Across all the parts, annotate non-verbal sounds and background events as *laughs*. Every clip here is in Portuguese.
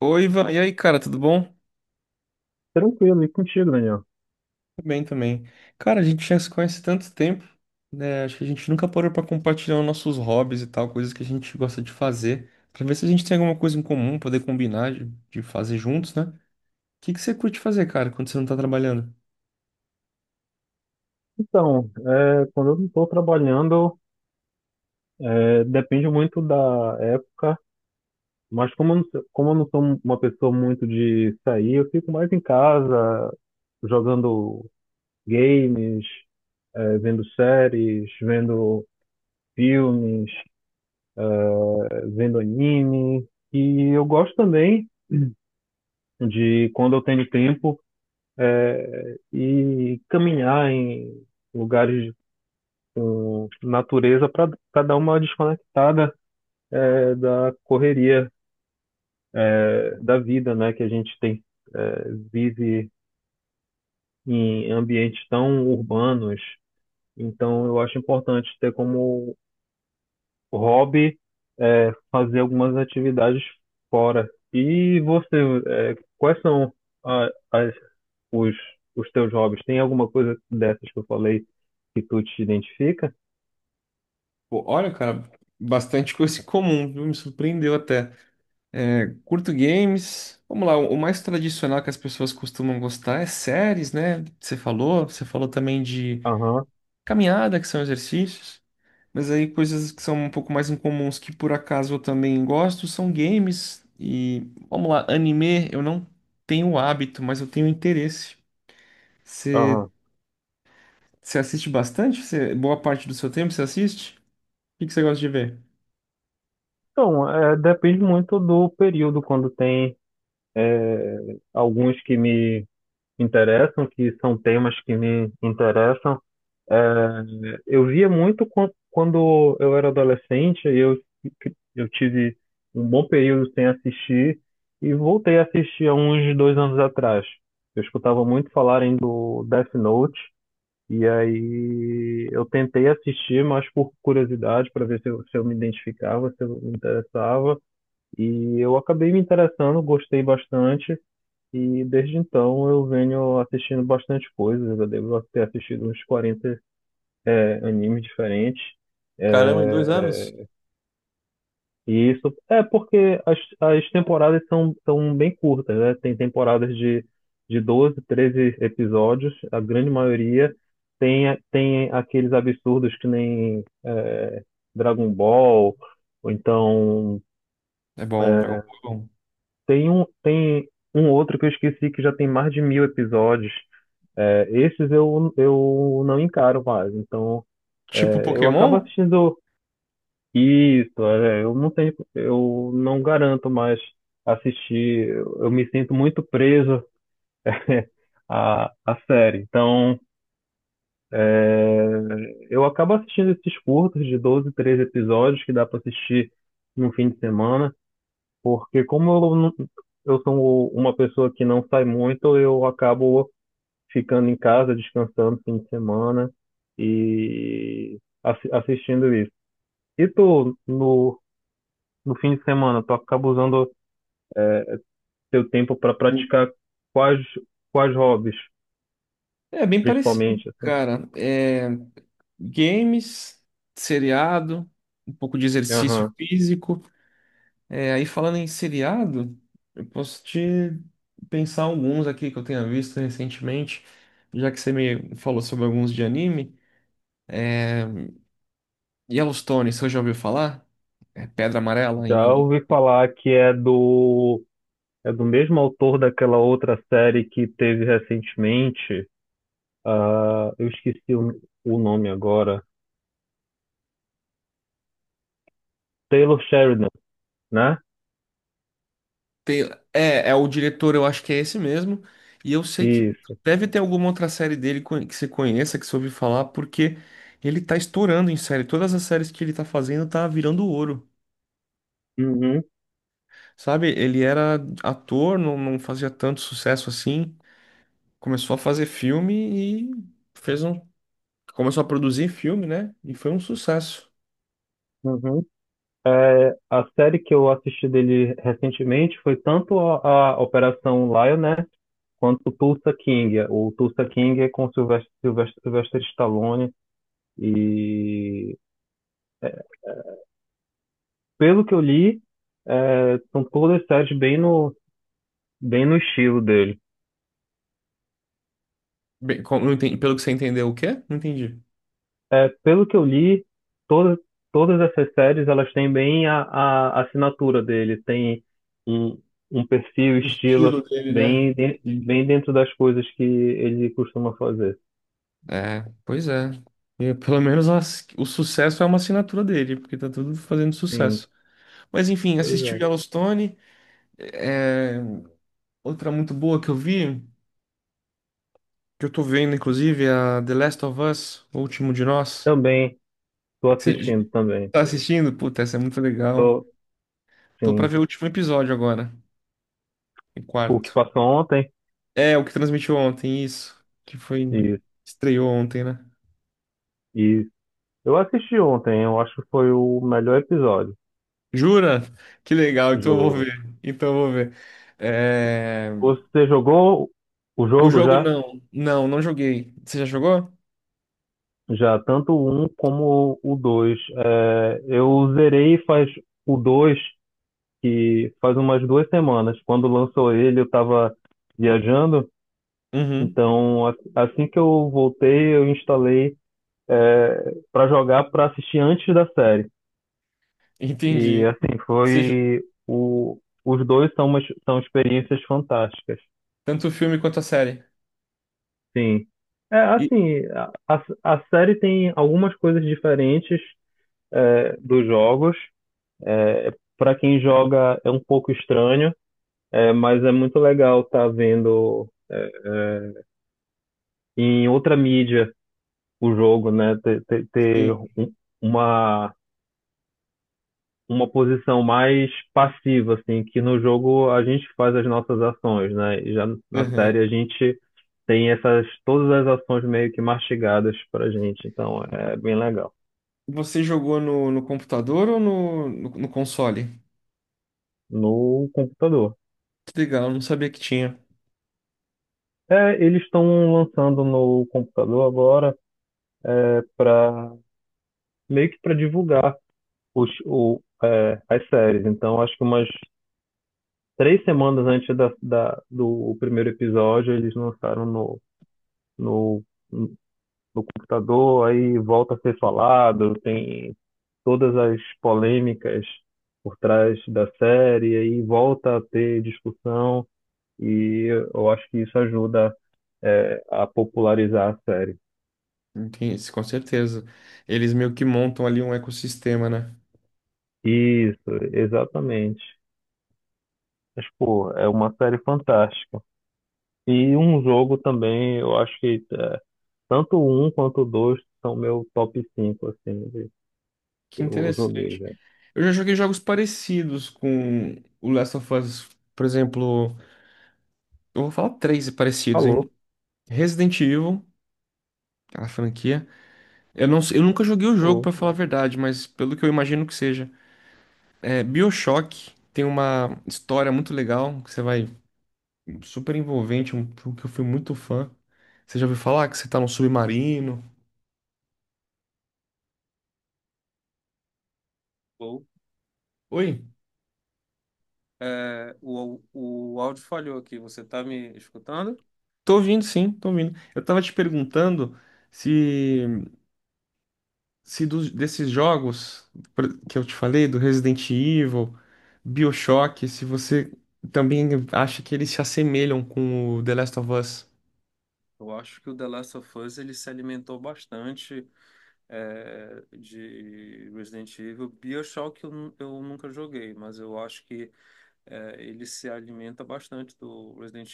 Oi, Ivan. E aí, cara, tudo bom? Tranquilo, e contigo, Daniel? Tudo bem também. Cara, a gente já se conhece há tanto tempo, né? Acho que a gente nunca parou pra compartilhar os nossos hobbies e tal, coisas que a gente gosta de fazer, pra ver se a gente tem alguma coisa em comum, poder combinar de fazer juntos, né? O que que você curte fazer, cara, quando você não tá trabalhando? Então, quando eu não estou trabalhando, depende muito da época, mas como eu não sou uma pessoa muito de sair, eu fico mais em casa, jogando games, vendo séries, vendo filmes, vendo anime. E eu gosto também de, quando eu tenho tempo, ir caminhar em lugares com natureza para dar uma desconectada, da correria, da vida, né? Que a gente é, vive em ambientes tão urbanos. Então, eu acho importante ter como hobby, fazer algumas atividades fora. E você, quais são a- as- os, os teus hobbies? Tem alguma coisa dessas que eu falei que tu te identifica? Pô, olha, cara, bastante *laughs* coisa em comum, viu? Me surpreendeu até. Curto games. Vamos lá, o mais tradicional que as pessoas costumam gostar é séries, né? Você falou também de Aham, caminhada, que são exercícios. Mas aí coisas que são um pouco mais incomuns que por acaso eu também gosto são games e vamos lá, anime eu não tenho hábito, mas eu tenho interesse. Você aham. você assiste bastante? Você, boa parte do seu tempo você assiste? O que que você gosta de ver? Então, depende muito do período, quando tem alguns que me interessam, que são temas que me interessam. É, eu via muito quando eu era adolescente, eu tive um bom período sem assistir e voltei a assistir há uns dois anos atrás. Eu escutava muito falarem do Death Note e aí eu tentei assistir, mas por curiosidade, para ver se eu me identificava, se eu me interessava. E eu acabei me interessando, gostei bastante, e desde então eu venho assistindo bastante coisas. Eu devo ter assistido uns 40 animes diferentes. Caramba, em dois anos? É, e isso é porque as temporadas são bem curtas, né? Tem temporadas de 12, 13 episódios, a grande maioria. Tem aqueles absurdos que nem Dragon Ball, ou então É bom, Dragon Ball é bom. tem um outro que eu esqueci que já tem mais de mil episódios. É, esses eu não encaro mais. Então, Tipo eu acabo Pokémon? assistindo isso. Eu não garanto mais assistir. Eu me sinto muito preso *laughs* à série. Então, é, eu acabo assistindo esses curtos de 12 13 episódios que dá para assistir no fim de semana, porque como eu, não- eu sou uma pessoa que não sai muito, eu acabo ficando em casa, descansando fim de semana e assistindo isso. E tu, no fim de semana, tu acaba usando teu tempo para praticar quais, quais hobbies, É bem parecido, principalmente, assim? cara. É, games, seriado, um pouco de exercício Aham. físico. É, aí falando em seriado, eu posso te pensar alguns aqui que eu tenha visto recentemente, já que você me falou sobre alguns de anime. É, Yellowstone, você já ouviu falar? É Pedra Amarela Já em... ouvi falar que é do mesmo autor daquela outra série que teve recentemente. Ah, eu esqueci o nome agora. Taylor Sheridan, né? É, é o diretor, eu acho que é esse mesmo. E eu sei que Isso. deve ter alguma outra série dele que você conheça, que você ouviu falar, porque ele tá estourando em série. Todas as séries que ele tá fazendo tá virando ouro. Uhum, Sabe? Ele era ator, não fazia tanto sucesso assim. Começou a fazer filme e fez um. Começou a produzir filme, né? E foi um sucesso. uhum. É, a série que eu assisti dele recentemente foi tanto a Operação Lioness quanto Tulsa King. O Tulsa King é com Sylvester Stallone. E pelo que eu li, são todas séries bem no estilo dele. Bem, não entendi- pelo que você entendeu, o quê? Não entendi. É, pelo que eu li, todas, todas essas séries elas têm bem a assinatura dele. Tem um, um perfil, O estilo, estilo dele, né? Bem dentro das coisas que ele costuma fazer. É, pois é. E, pelo menos o sucesso é uma assinatura dele, porque tá tudo fazendo Sim, sucesso. Mas enfim, pois assisti o é. Yellowstone. É, outra muito boa que eu vi, que eu tô vendo, inclusive, é a The Last of Us, O Último de Nós. Também tô Você assistindo também. tá assistindo? Puta, essa é muito legal. Tô, Tô pra sim. ver o último episódio agora, o O que quarto. passou ontem? É, o que transmitiu ontem, isso. Que foi. Isso, Estreou ontem, né? isso. Eu assisti ontem, eu acho que foi o melhor episódio, Jura? Que legal, então eu vou juro. ver. Então eu vou ver. É, Você jogou o o jogo jogo já? não. Não joguei. Você já jogou? Já, tanto o 1 como o dois. Eu zerei faz o 2 que faz umas duas semanas. Quando lançou ele, eu estava viajando. Uhum. Então, assim que eu voltei, eu instalei é, para jogar para assistir antes da série. E Entendi. assim, Você jo- os dois são são experiências fantásticas. Tanto o filme quanto a série. Sim. É E... assim, a, a série tem algumas coisas diferentes dos jogos. É, para quem joga é um pouco estranho, mas é muito legal estar tá vendo em outra mídia o jogo, né? Ter, ter, ter Sim. um- uma uma posição mais passiva, assim, que no jogo a gente faz as nossas ações, né? E já na Uhum. série a gente tem essas todas as ações meio que mastigadas pra gente, então é bem legal. Você jogou no computador ou no console? No computador. Que legal, eu não sabia que tinha. É, eles estão lançando no computador agora para meio que para divulgar as séries. Então acho que umas três semanas antes do primeiro episódio eles lançaram no no computador, aí volta a ser falado, tem todas as polêmicas por trás da série, aí volta a ter discussão, e eu acho que isso ajuda, a popularizar a série. Entendi, com certeza. Eles meio que montam ali um ecossistema, né? Isso, exatamente. Mas, pô, é uma série fantástica. E um jogo também, eu acho que tanto o um quanto o dois são meu top 5 assim, Que que eu joguei interessante. já. Eu já joguei jogos parecidos com o Last of Us, por exemplo, eu vou falar três parecidos, hein? Falou, Resident Evil, aquela franquia. Eu não, sei- Eu nunca joguei o jogo, falou. pra falar a verdade, mas pelo que eu imagino que seja. É, BioShock tem uma história muito legal, que você vai super envolvente, um jogo que eu fui muito fã. Você já ouviu falar que você tá num submarino? Ou Oi? tá me escutando? Tô ouvindo, sim, tô ouvindo. Eu tava te perguntando se se desses jogos que eu te falei, do Resident Evil, BioShock, se você também acha que eles se assemelham com o The Last of Us. Eu acho que o The Last of Us ele se alimentou bastante de Resident Evil. BioShock eu nunca joguei, mas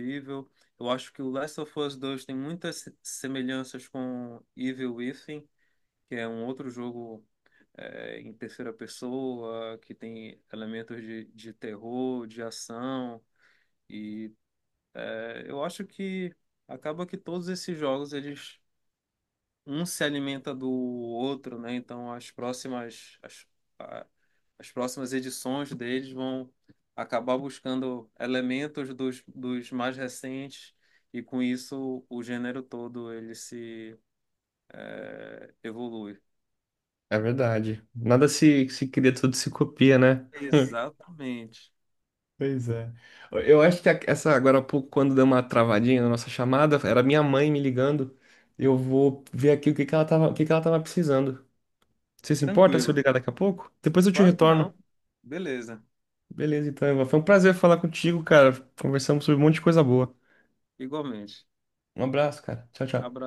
eu, eu acho assim, o, não, que acaba que todos um se alimentam, deles vão acabar buscando e com isso. É verdade. Nada se cria, tudo se copia, né? Pois é. Eu acho que essa agora há pouco, quando deu uma travadinha na nossa chamada, era minha mãe me ligando. Eu vou ver aqui o que que ela tava, o que que ela tava precisando. Você se importa se eu ligar daqui a pouco? Depois eu te retorno. Beleza, então, Ivan. Foi um prazer falar contigo, cara. Conversamos sobre um monte de coisa boa. Um abraço, cara. Tchau, tchau.